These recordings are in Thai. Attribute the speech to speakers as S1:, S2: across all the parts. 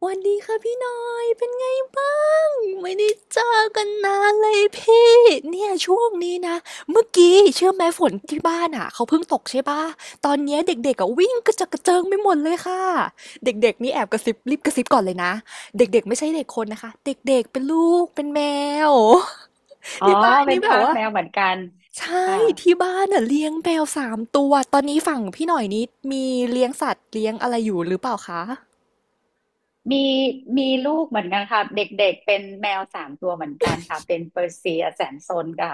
S1: สวัสดีค่ะพี่หน่อยเป็นไงบ้างไม่ได้เจอกันนานเลยพี่เนี่ยช่วงนี้นะเมื่อกี้เชื่อไหมฝนที่บ้านอ่ะเขาเพิ่งตกใช่ป่ะตอนเนี้ยเด็กๆอ่ะวิ่งกระเจิดกระเจิงไปหมดเลยค่ะเด็กๆนี่แอบกระซิบรีบกระซิบก่อนเลยนะเด็กๆไม่ใช่เด็กคนนะคะเด็กๆเป็นลูกเป็นแมว
S2: อ๋อ
S1: ที่บ้าน
S2: เป็
S1: นี่
S2: น
S1: แบ
S2: ทา
S1: บ
S2: ส
S1: ว่า
S2: แมวเหมือนกัน
S1: ใช่
S2: ค่ะ
S1: ที่บ้านอ่ะเลี้ยงแมวสามตัวตอนนี้ฝั่งพี่หน่อยนี้มีเลี้ยงสัตว์เลี้ยงอะไรอยู่หรือเปล่าคะ
S2: มีมีลูกเหมือนกันค่ะเด็กๆเป็นแมวสามตัวเหมือนกันค่ะเป็นเปอร์เซียแสนซนค่ะ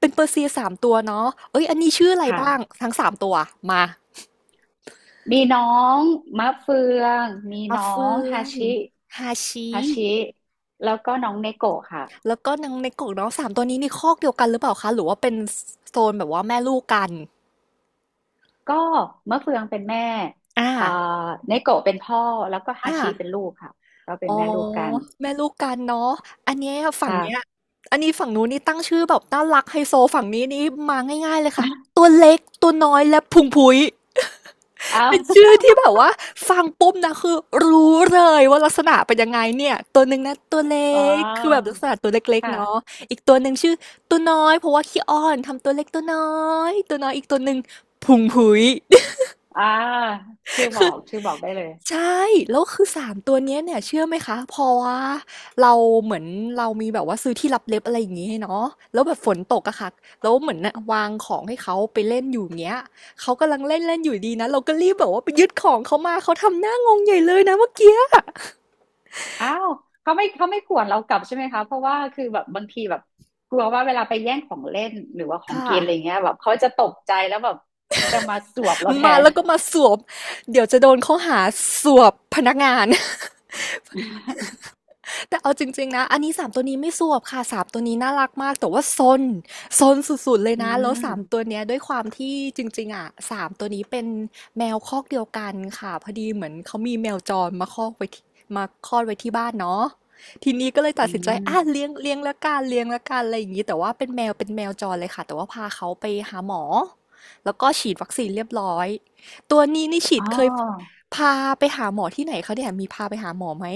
S1: เป็นเปอร์เซียสามตัวเนาะเอ้ย อันนี้ชื่ออะไรบ้าง
S2: ค่ะ
S1: ทั้งสามตัวมา
S2: มีน้องมะเฟืองมี
S1: มา
S2: น้อ
S1: เฟื
S2: ง
S1: อ
S2: ฮา
S1: ง
S2: ชิ
S1: ฮาชิ
S2: ฮาชิแล้วก็น้องเนโกะค่ะ
S1: แล้วก็นางในกกเนาะสามตัวนี้นี่คอกเดียวกันหรือเปล่าคะ หรือว่าเป็นโซนแบบว่าแม่ลูกกัน
S2: ก็มะเฟืองเป็นแม่
S1: อ่า
S2: อ่าเนโกะเป็นพ่อแล้วก็ฮา
S1: อ่า
S2: ชิเป็นลูกค่ะก็เป็
S1: อ๋
S2: น
S1: อ
S2: แม่ลูกกัน
S1: แม่ลูกกันเนาะอันเนี้ยฝั่ง
S2: ค่ะ
S1: เนี้ยอันนี้ฝั่งนู้นนี่ตั้งชื่อแบบน่ารักไฮโซฝั่งนี้นี่มาง่ายๆเลยค่ะ ตัวเล็กตัวน้อยและพุงพุ้ย
S2: อ้าว
S1: เป็นชื่อที่แบบว่าฟังปุ๊บนะคือรู้เลยว่าลักษณะเป็นยังไงเนี่ยตัวหนึ่งนะตัวเล็
S2: อ๋
S1: กคือแบบ
S2: อ
S1: ลักษณะตัวเล็กๆเนาะ
S2: ค่ะ
S1: อีกตัวหนึ่งชื่อตัวน้อยเพราะว่าขี้อ้อนทำตัวเล็กตัวน้อยอีกตัวหนึ่งพุงพุ้ย
S2: อ่าชื่อบอกได้เลย
S1: ใช่แล้วคือสามตัวเนี่ยเชื่อไหมคะพอว่าเราเหมือนเรามีแบบว่าซื้อที่ลับเล็บอะไรอย่างงี้ให้เนาะแล้วแบบฝนตกอะค่ะแล้วเหมือนน่ะวางของให้เขาไปเล่นอยู่อย่างเงี้ยเขากำลังเล่นๆอยู่ดีนะเราก็รีบแบบว่าไปยึดของเขามาเขาทำหน้างงใหญ่เลยนะเมื่อกี้อะ
S2: อ้าวเขาไม่ข่วนเรากลับใช่ไหมคะเพราะว่าคือแบบบางทีแบบกลัวว่าเวลาไปแย่งของเล่นหรือว่าของ
S1: ค่ะ
S2: กินอะไรเงี้ยแบบเขาจะตกใจแล้วแบบจะมาสวบเราแท
S1: มา
S2: น
S1: แล้วก็มาสวมเดี๋ยวจะโดนข้อหาสวบพนักงาน แต่เอาจริงๆนะอันนี้สามตัวนี้ไม่สวบค่ะสามตัวนี้น่ารักมากแต่ว่าซนสุดๆเลย
S2: อื
S1: นะแล้ว
S2: ม
S1: สามตัวเนี้ยด้วยความที่จริงๆอ่ะสามตัวนี้เป็นแมวคอกเดียวกันค่ะพอดีเหมือนเขามีแมวจรมาคอกไว้ที่มาคลอดไว้ที่บ้านเนาะทีนี้ก็เลยตั
S2: อื
S1: ดสินใจอ่ะ
S2: ม
S1: เลี้ยงเลี้ยงละกันเลี้ยงละกันอะไรอย่างนี้แต่ว่าเป็นแมวจรเลยค่ะแต่ว่าพาเขาไปหาหมอแล้วก็ฉีดวัคซีนเรียบร้อยตัวนี้นี่ฉี
S2: อ๋
S1: ด
S2: อ
S1: เคยพาไปหาหมอที่ไหนเขาเนี่ยมีพาไปหาหมอไหม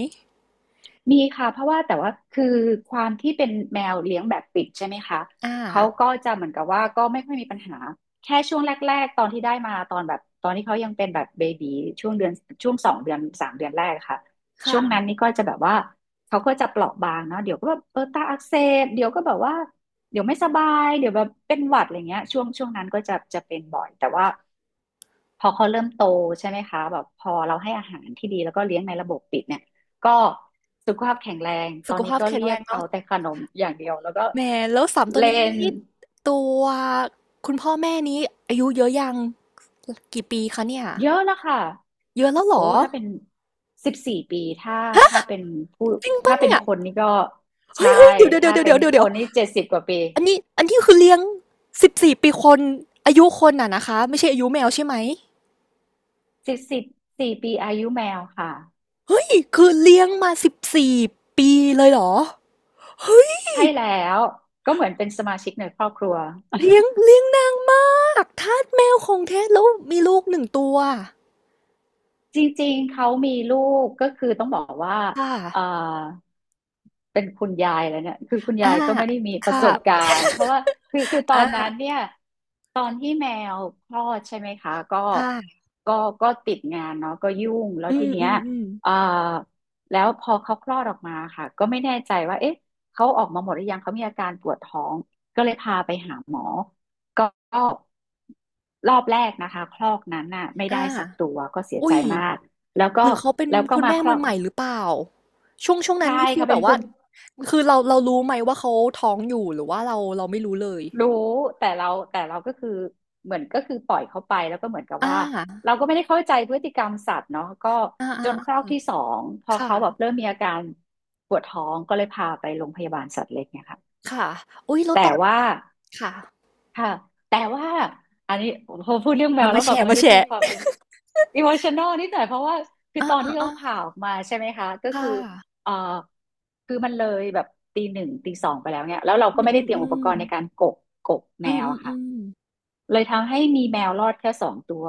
S2: มีค่ะเพราะว่าแต่ว่าคือความที่เป็นแมวเลี้ยงแบบปิดใช่ไหมคะ
S1: อ่า
S2: เขาก็จะเหมือนกับว่าก็ไม่ค่อยมีปัญหาแค่ช่วงแรกๆตอนที่ได้มาตอนแบบตอนที่เขายังเป็นแบบเบบีช่วงเดือนช่วงสองเดือนสามเดือนแรกค่ะช่
S1: ค่ะ
S2: วงนั้นนี่ก็จะแบบว่าเขาก็จะเปราะบางเนาะเดี๋ยวก็แบบตาอักเสบเดี๋ยวก็แบบว่าเดี๋ยวไม่สบายเดี๋ยวแบบเป็นหวัดอะไรเงี้ยช่วงนั้นก็จะเป็นบ่อยแต่ว่าพอเขาเริ่มโตใช่ไหมคะแบบพอเราให้อาหารที่ดีแล้วก็เลี้ยงในระบบปิดเนี่ย ก็สุขภาพแข็งแรง ต
S1: สุ
S2: อ
S1: ข
S2: นนี้
S1: ภาพ
S2: ก็
S1: แข็ง
S2: เรี
S1: แร
S2: ยก
S1: ง
S2: เอา
S1: เนาะ
S2: แต่ขนมอย่างเดียวแล้วก็
S1: แหมแล้วสามตัว
S2: เล่
S1: นี้
S2: น
S1: นี่ตัวคุณพ่อแม่นี้อายุเยอะยังกี่ปีคะเนี่ย
S2: เยอะแล้วค่ะ
S1: เยอะแล้วเหร
S2: โอ้
S1: อ
S2: ถ้าเป็นสิบสี่ปีถ้าเป็นผู้
S1: จริงปะ
S2: ถ้าเป็น
S1: เนี่ย
S2: คนนี่ก็
S1: เฮ้
S2: ใช่
S1: ยเฮ้ยเดี๋ยวเดี๋ยว
S2: ถ้า
S1: เดี๋ยว
S2: เป็
S1: เดี๋
S2: น
S1: ยวเดี๋ยว
S2: ค
S1: เดี๋ยว
S2: นนี่70 กว่าปี
S1: อันนี้คือเลี้ยง14ปีคนอายุคนอะนะคะไม่ใช่อายุแมวใช่ไหม
S2: สิบสี่ปีอายุแมวค่ะ
S1: เฮ้ยคือเลี้ยงมาสิบสี่ปีเลยเหรอเฮ้ย
S2: ใช่แล้วก็เหมือนเป็นสมาชิกในครอบครัว
S1: เลี้ยงเลี้ยงนางมากทาสแมวของแท้แล้วมีลูกหนึ่งตัว
S2: จริงๆ เขามีลูกก็คือต้องบอกว่า
S1: ค่ะ
S2: เอ่อเป็นคุณยายแล้วเนี่ยคือคุณ
S1: อา
S2: ยายก็ไม่ได้มี
S1: ค
S2: ประสบกา
S1: ่ะ
S2: รณ์เพราะว่าคือตอ
S1: อา
S2: นนั้นเนี่ยตอนที่แมวคลอดใช่ไหมคะ
S1: ค่ะ
S2: ก็ก็ติดงานเนาะก็ยุ่งแล้ว
S1: อื
S2: ที
S1: โอ
S2: เนี้ย
S1: มเคอมอืม
S2: เอ่อแล้วพอเขาคลอดออกมาค่ะก็ไม่แน่ใจว่าเอ๊ะเขาออกมาหมดหรือยังเขามีอาการปวดท้องก็เลยพาไปหาหมอ ก็รอบแรกนะคะคลอกนั้นน่ะไม่
S1: อ่า
S2: ได้สักตัวก็เสีย
S1: อุ๊
S2: ใจ
S1: ย
S2: มากแล้วก็
S1: หรือเขาเป็นคุณ
S2: มา
S1: แม่
S2: คล
S1: มื
S2: อ
S1: อ
S2: ก
S1: ใหม่หรือเปล่าช่วงนั้น
S2: ใช่
S1: นี่คือ
S2: ค่ะ
S1: แบ
S2: เป็
S1: บ
S2: นค
S1: ว่า
S2: น
S1: คือเรารู้ไหมว่าเขาท้องอยู่หรือว่าเราไม่รู้เลย
S2: รู้แต่เราแต่เราก็คือเหมือนก็คือปล่อยเขาไปแล้วก็เหมือนกับ
S1: อา
S2: ว่า
S1: อา
S2: เราก็ไม่ได้เข้าใจพฤติกรรมสัตว์เนาะก็
S1: อ่
S2: จนคลอ
S1: า
S2: กที่สองพอ
S1: ค่ะ
S2: เขาแบบเริ่มมีอาการปวดท้องก็เลยพาไปโรงพยาบาลสัตว์เล็กเนี่ยค่ะ
S1: ค่ะอุ๊ยแล้ว
S2: แต่
S1: ตอน
S2: ว่า
S1: ค่ะ
S2: ค่ะแต่ว่าอันนี้พอพูดเรื่องแม
S1: มา
S2: ว
S1: มา
S2: แล้ว
S1: แช
S2: แบบ
S1: ร์
S2: มัน
S1: มา
S2: ก็
S1: แช
S2: จะมี
S1: ร์
S2: ความอิโมชัน a ลนิดหน่อยเพราะว่าคือ
S1: อา
S2: ตอน
S1: อ่า
S2: ที่เขา
S1: อ่า
S2: ผ่าออกมาใช่ไหมคะก็
S1: ค่ะ
S2: คือเอ่อคือมันเลยแบบตีหนึ่งตีสองไปแล้วเนี่ยแล้วเรา
S1: อื
S2: ก็
S1: ม
S2: ไม่
S1: อื
S2: ได้
S1: ม
S2: เตรีย
S1: อื
S2: มอุป
S1: ม
S2: กรณ์ในการกบแม
S1: อืม
S2: ว
S1: อืม
S2: อะ
S1: อื
S2: ค่ะ
S1: ม
S2: เลยทำให้มีแมวรอดแค่สองตัว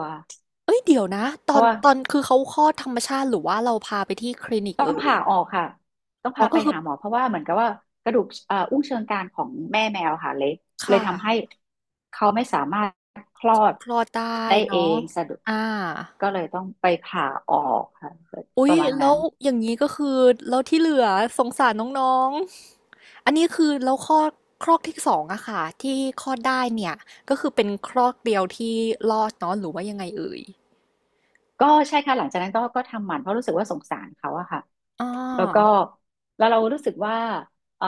S1: เดี๋ยวนะต
S2: เพ
S1: อ
S2: ราะ
S1: น
S2: ว่า
S1: ตอนคือเขาคลอดธรรมชาติหรือว่าเราพาไปที่คลินิก
S2: ต้อง
S1: เอ่ย
S2: ผ่าออกค่ะต้อง
S1: อ๋อ
S2: พา
S1: ก็
S2: ไป
S1: คือ
S2: หาหมอเพราะว่าเหมือนกับว่ากระดูกอุ้งเชิงกรานของแม่แมวค่ะเละเลย
S1: ค่ะ
S2: ทำให้เขาไม่สามารถคลอด
S1: คลอดได้
S2: ได้เอ
S1: เนาะ
S2: งสะดุด
S1: อา
S2: ก็เลยต้องไปผ่าออกค่ะ
S1: อุ๊
S2: ป
S1: ย
S2: ระมาณ
S1: แล้
S2: นั้
S1: ว
S2: น
S1: อย่างนี้ก็คือแล้วที่เหลือสงสารน้องๆอันนี้คือแล้วคลอดคลอกที่สองอะค่ะที่คลอดได้เนี่ยก็คือเป็นคลอกเดียวที่รอดเนาะหรือว่ายังไงเอ่ย
S2: ก็ใช่ค่ะหลังจากนั้นก็ทำหมันเพราะรู้สึกว่าสงสารเขาอะค่ะ
S1: อ๋อ
S2: แล้วก็แล้วเรารู้สึกว่าเออ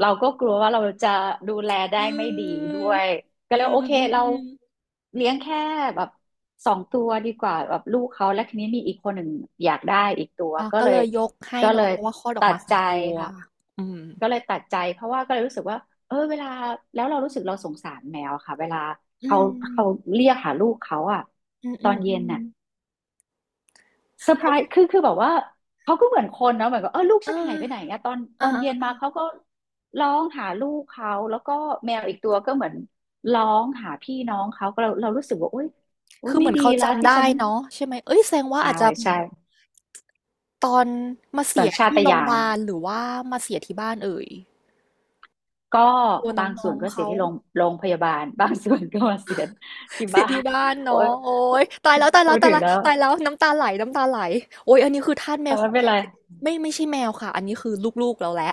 S2: เราก็กลัวว่าเราจะดูแลได้
S1: อื
S2: ไม่ดีด้
S1: ม
S2: วยก็
S1: อื
S2: เลย
S1: ม
S2: โอเค
S1: อืม
S2: เรา
S1: อืม
S2: เลี้ยงแค่แบบสองตัวดีกว่าแบบลูกเขาและทีนี้มีอีกคนหนึ่งอยากได้อีกตัว
S1: อ่ะ
S2: ก็
S1: ก็
S2: เล
S1: เล
S2: ย
S1: ยยกให้
S2: ก็เล
S1: เนาะ
S2: ย
S1: เพราะว่าคลอดออ
S2: ตั
S1: กมา
S2: ด
S1: ส
S2: ใจ
S1: องตัว
S2: ค่ะ
S1: อืม
S2: ก็เลยตัดใจเพราะว่าก็เลยรู้สึกว่าเออเวลาแล้วเรารู้สึกเราสงสารแมวค่ะเวลา
S1: อื
S2: เขาเขา
S1: ม
S2: เรียกหาลูกเขาอะ
S1: อืม
S2: ต
S1: อื
S2: อ
S1: ม
S2: น
S1: อื
S2: เย็น
S1: ม
S2: น่ะ เซอร์ไพ
S1: เขา
S2: รส์คือแบบว่าเขาก็เหมือนคนเนาะเหมือนกับเออลูกฉัน
S1: อ่า
S2: หายไปไหนอะตอนต
S1: อ่า
S2: อน
S1: อ่า
S2: เย็นมา
S1: อ่า
S2: เขาก็ร้องหาลูกเขาแล้วก็แมวอีกตัวก็เหมือนร้องหาพี่น้องเขาก็เรารู้สึกว่าโอ๊ยโอ๊ย
S1: คือเห
S2: ไม่
S1: มือน
S2: ดี
S1: เขา
S2: แล้ว
S1: จำ
S2: ที่
S1: ได้
S2: ฉัน
S1: เนาะใช่ไหมเอ้ยแสดงว่า
S2: ใช่
S1: อาจจะ
S2: ใช่
S1: ตอนมาเสี
S2: สัญ
S1: ย
S2: ชา
S1: ที่
S2: ต
S1: โรงพ
S2: ญา
S1: ยา
S2: ณ
S1: บาลหรือว่ามาเสียที่บ้านเอ่ย
S2: ก็
S1: ตัวน
S2: บาง
S1: ้
S2: ส่
S1: อ
S2: วน
S1: ง
S2: ก็
S1: ๆ
S2: เสีย
S1: เขา
S2: ที่โรงพยาบาล บางส่วนก็มาเสียที่
S1: เสีย
S2: บ้า
S1: ที่
S2: น
S1: บ้าน
S2: โอ๊
S1: เนาะ
S2: ย
S1: โอ๊ยตายแล้วตายแล้
S2: พู
S1: ว
S2: ด
S1: ตาย
S2: ถึง
S1: แล้ว
S2: แล้ว
S1: ตายแล้วน้ำตาไหลโอ๊ยอันนี้คือทาสแม
S2: แต่
S1: วข
S2: ไม่
S1: อง
S2: เป็น
S1: แท้
S2: ไร
S1: ไม่ใช่แมวค่ะอันนี้คือลูกๆเราแล้ว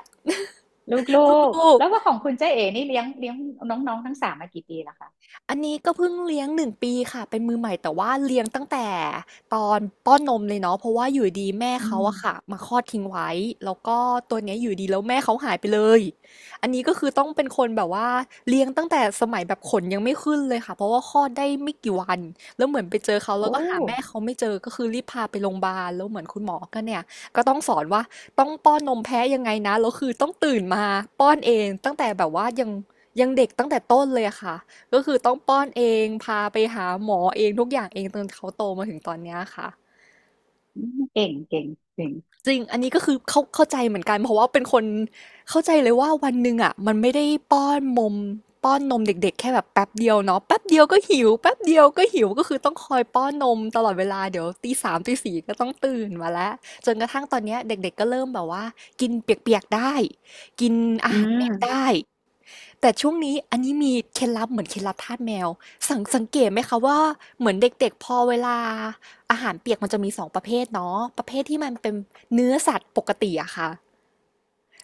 S2: ลูก
S1: ลู
S2: ๆ
S1: ก
S2: แล้วว่าของคุณเจ๊เอ๋นี่เลี้ยงน้องๆทั้งสามมากี่ปีแล้วคะ
S1: อันนี้ก็เพิ่งเลี้ยง1ปีค่ะเป็นมือใหม่แต่ว่าเลี้ยงตั้งแต่ตอนป้อนนมเลยเนาะเพราะว่าอยู่ดีแม่
S2: อื
S1: เขา
S2: ม
S1: อะค่ะมาคลอดทิ้งไว้แล้วก็ตัวเนี้ยอยู่ดีแล้วแม่เขาหายไปเลยอันนี้ก็คือต้องเป็นคนแบบว่าเลี้ยงตั้งแต่สมัยแบบขนยังไม่ขึ้นเลยค่ะเพราะว่าคลอดได้ไม่กี่วันแล้วเหมือนไปเจอเขาแล้
S2: โอ้
S1: วก็หาแม่เขาไม่เจอก็คือรีบพาไปโรงพยาบาลแล้วเหมือนคุณหมอก็เนี่ยก็ต้องสอนว่าต้องป้อนนมแพ้ยังไงนะแล้วคือต้องตื่นมาป้อนเองตั้งแต่แบบว่ายังเด็กตั้งแต่ต้นเลยอะค่ะ ก็คือต้องป้อนเอง พาไปหาหมอเองทุกอย่างเองจนเขาโตมาถึงตอนเนี้ยค่ะ
S2: อืมเก่งเก่งเก่ง
S1: จริงอันนี้ก็คือเข้าใจเหมือนกันเพราะว่าเป็นคนเข้าใจเลยว่าวันหนึ่งอ่ะมันไม่ได้ป้อนมมป้อนนมเด็กๆแค่แบบแป๊บเดียวเนาะแป๊บเดียวก็หิวแป๊บเดียวก็หิวก็คือต้องคอยป้อนนมตลอดเวลาเดี๋ยวตีสามตีสี่ก็ต้องตื่นมาแล้วจนกระทั่งตอนเนี้ยเด็กๆก็เริ่มแบบว่ากินเปียกๆได้กินอา
S2: อื
S1: หาร
S2: ม
S1: เม็ดได้ แต่ช่วงนี้อันนี้มีเคล็ดลับเหมือนเคล็ดลับทาสแมวสังเกตไหมคะว่าเหมือนเด็กๆพอเวลาอาหารเปียกมันจะมีสองประเภทเนาะประเภทที่มันเป็นเนื้อสัตว์ปกติอะค่ะ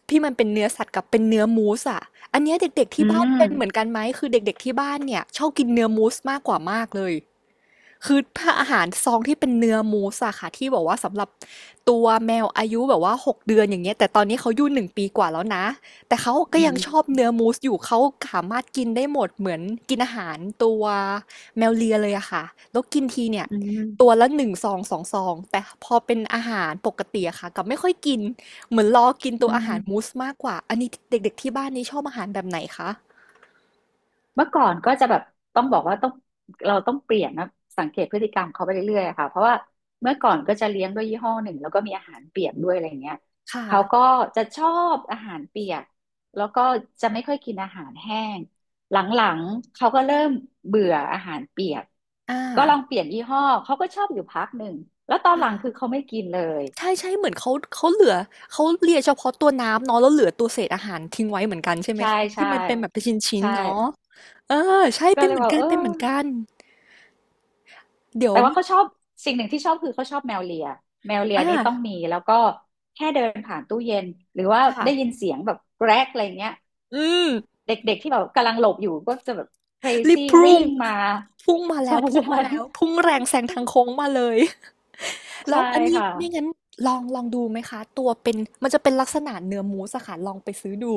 S1: ที่มันเป็นเนื้อสัตว์กับเป็นเนื้อมูสอะอันเนี้ยเด็กๆ
S2: อื
S1: ที่บ้าน
S2: ม
S1: เป็นเหมือนกันไหมคือเด็กๆที่บ้านเนี่ยชอบกินเนื้อมูสมากกว่ามากเลย คือถ้าอาหารซองที่เป็นเนื้อมูสอะค่ะที่บอกว่าสำหรับตัวแมวอายุแบบว่าหกเดือนอย่างเงี้ยแต่ตอนนี้เขาอายู่หนึ่งปีกว่าแล้วนะแต่เขาก็
S2: อื
S1: ยัง
S2: ม
S1: ชอบเนื้อมูสอยู่เขาสามารถกินได้หมดเหมือนกินอาหารตัวแมวเลียเลยอะค่ะแล้วกินทีเนี่ย
S2: อื
S1: ตัว
S2: ม
S1: ละหนึ่งซองสองซองแต่พอเป็นอาหารปกติอะค่ะกับไม่ค่อยกินเหมือนรอกินตัว
S2: อื
S1: อาหา
S2: ม
S1: รมูสมากกว่าอันนี้เด็กๆที่บ้านนี้ชอบอาหารแบบไหนคะ
S2: เมื่อก่อนก็จะแบบต้องบอกว่าต้องเราต้องเปลี่ยนนะ สังเกตพฤติกรรมเขาไปเรื่อยๆอะค่ะเพราะว่าเมื่อก่อนก็จะเลี้ยงด้วยยี่ห้อหนึ่งแล้วก็มีอาหารเปียกด้วยอะไรเงี้ยเขาก็
S1: ค่ะ
S2: จะชอบอาหารเปียกแล้วก็จะไม่ค่อยกินอาหารแห้งหลังๆเขาก็เริ่มเบื่ออาหารเปียก
S1: อ่า
S2: ก็ลองเปลี่ยนยี่ห้อเขาก็ชอบอยู่พักหนึ่ง แล้วตอนหลังคือเขาไม่กินเลย
S1: ใช่ใช่เหมือนเขาเหลือเขาเลียเฉพาะตัวน้ำเนาะแล้วเหลือตัวเศษอาหารทิ้งไว้เหมือนกันใช่ไหม
S2: ใช่
S1: คะที่
S2: ใช่
S1: มันเป็นแบบเป็นชิ้น
S2: ใช่
S1: ๆเนาะเออใช่
S2: ก็
S1: เป็น
S2: เล
S1: เห
S2: ย
S1: มือน
S2: ว่า
S1: กัน
S2: เออ
S1: เป็นเหมือนกันเดี๋ยว
S2: แต่ว่าเขาชอบสิ่งหนึ่งที่ชอบคือเขาชอบแมวเลียแมวเลีย
S1: อ่า
S2: นี่ต้องมีแล้วก็แค่เดินผ่านตู้เย็นหรือว่า
S1: ค่ะ
S2: ได้ยินเสียงแบบแกรกอะไรเงี้ย
S1: อืม
S2: เด็กๆที่แบบกำลังหลบอยู่ก็จะแบบ
S1: รี
S2: crazy
S1: บพุ่
S2: วิ่
S1: ง
S2: งมา
S1: พุ่งมาแล้
S2: ใช่
S1: วพุ่ง
S2: ใช่
S1: มาแล้วพุ่งแรงแซงทางโค้งมาเลยแล้
S2: ใช่
S1: วอันนี้
S2: ค่ะ
S1: ไม่งั้นลองดูไหมคะตัวเป็นมันจะเป็นลักษณะเนื้อมูสอะค่ะลองไปซื้อดู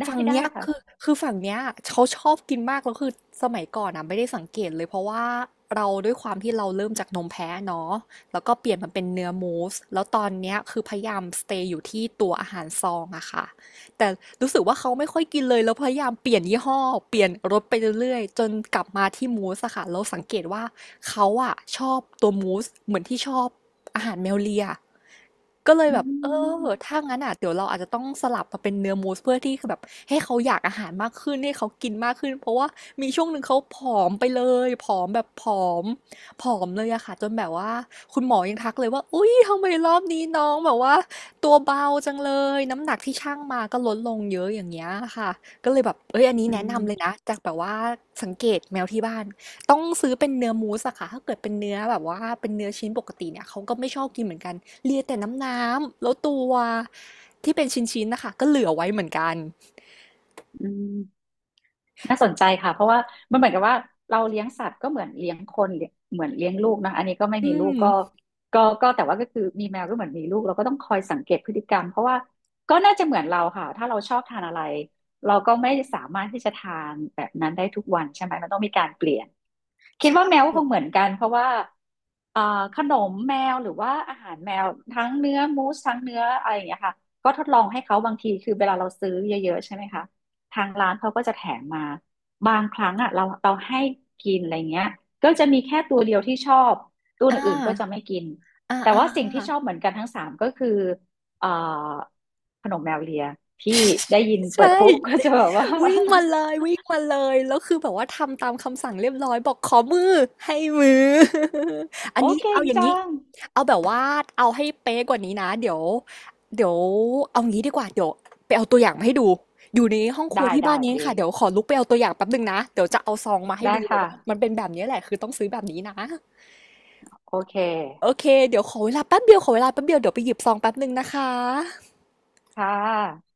S2: ได้
S1: ฝั่ง
S2: ได้
S1: เนี้ยคือ
S2: ค่ะ
S1: คือฝั่งเนี้ยเขาชอบกินมากแล้วคือสมัยก่อนอ่ะไม่ได้สังเกตเลยเพราะว่าเราด้วยความที่เราเริ่มจากนมแพะเนาะแล้วก็เปลี่ยนมาเป็นเนื้อมูสแล้วตอนเนี้ยคือพยายามสเตย์อยู่ที่ตัวอาหารซองอะค่ะแต่รู้สึกว่าเขาไม่ค่อยกินเลยแล้วพยายามเปลี่ยนยี่ห้อเปลี่ยนรสไปเรื่อยๆจนกลับมาที่มูสอะค่ะแล้วสังเกตว่าเขาอะชอบตัวมูสเหมือนที่ชอบอาหารแมวเลีย ก็เลย
S2: อื
S1: แบบเออ
S2: ม
S1: ถ้างั้นอ่ะเดี๋ยวเราอาจจะต้องสลับมาเป็นเนื้อมูสเพื่อที่คือแบบให้เขาอยากอาหารมากขึ้นให้เขากินมากขึ้นเพราะว่ามีช่วงหนึ่งเขาผอมไปเลยผอมแบบมผอมเลยอะค่ะจนแบบว่าคุณหมอยังทักเลยว่าอุ๊ยทำไมรอบนี้น้องแบบว่าตัวเบาจังเลยน้ำหนักที่ชั่งมาก็ลดลงเยอะอย่างเงี้ยค่ะก็เลยแบบเอ้ยอันนี้
S2: อื
S1: แนะนำเลยนะ
S2: ม
S1: จากแบบว่าสังเกตแมวที่บ้าน ต้องซื้อเป็นเนื้อมูสอะค่ะถ้าเกิดเป็นเนื้อแบบว่าเป็นเนื้อชิ้นปกติเนี่ยเขาก็ไม่ชอบกินเหมือนกันเลียแต่น้ำแล้วตัวที่เป็นชิ้นๆนะคะก็เหลือไว้เหมือนกัน
S2: อืม น่าสนใจค่ะเพราะว่ามันเหมือนกับว่าเราเลี้ยงสัตว์ก็เหมือนเลี้ยงคนเลี้ยเหมือนเลี้ยงลูกนะอันนี้ก็ไม่
S1: อื
S2: มีลู
S1: ม
S2: กก็แต่ว่าก็คือมีแมวก็เหมือนมีลูกเราก็ต้องคอยสังเกตพฤติกรรมเพราะว่าก็น่าจะเหมือนเราค่ะถ้าเราชอบทานอะไรเราก็ไม่สามารถที่จะทานแบบนั้นได้ทุกวันใช่ไหมมันต้องมีการเปลี่ยนคิดว่าแม
S1: ใช่
S2: วก็คงเหมือนกันเพราะว่าอ่าขนมแมวหรือว่าอาหารแมวทั้งเนื้อมูสทั้งเนื้ออะไรอย่างเงี้ยค่ะก็ทดลองให้เขาบางทีคือเวลาเราซื้อเยอะๆใช่ไหมคะ ทางร้านเขาก็จะแถมมาบางครั้งอ่ะเราให้กินอะไรเงี้ยก็จะมีแค่ตัวเดียวที่ชอบตัว
S1: อ่า
S2: อื่นๆก็จะไม่กิน
S1: อ่า
S2: แต่
S1: อ่า
S2: ว่า
S1: อ่า
S2: สิ่งที่ชอบเหมือนกันทั้งสามก็คือเอ่อขนมแมวเลียที่ได้ยิน
S1: ใช
S2: เปิดปุ๊บ ก็
S1: ่
S2: จะแบบว่า
S1: วิ่งมาเลยวิ่งมาเลยแล้วคือแบบว่าทำตามคำสั่งเรียบร้อยบอกขอมือให้มือ อั
S2: โอ
S1: นนี้
S2: คเก่
S1: เอา
S2: ง
S1: อย่างนี้
S2: จัง
S1: เอาแบบว่าเอาให้เป๊ะกว่านี้นะเดี๋ยวเอางี้ดีกว่าเดี๋ยวไปเอาตัวอย่างมาให้ดูอยู่ในห้องครัว
S2: ได้
S1: ที่บ้า
S2: ได้
S1: นนี้เอ
S2: เด
S1: งค่ะเดี๋ยวขอลุกไปเอาตัวอย่างแป๊บหนึ่งนะเดี๋ยวจะเอาซองมาให้
S2: ได้
S1: ดูเลย
S2: ค่ะ
S1: ว่ามันเป็นแบบนี้แหละคือต้องซื้อแบบนี้นะ
S2: โอเค
S1: โอเคเดี๋ยวขอเวลาแป๊บเดียวขอเวลาแป๊บเดียวเดี๋ยวไปหยิบซองแป๊บหนึ่งนะคะ
S2: ค่ะ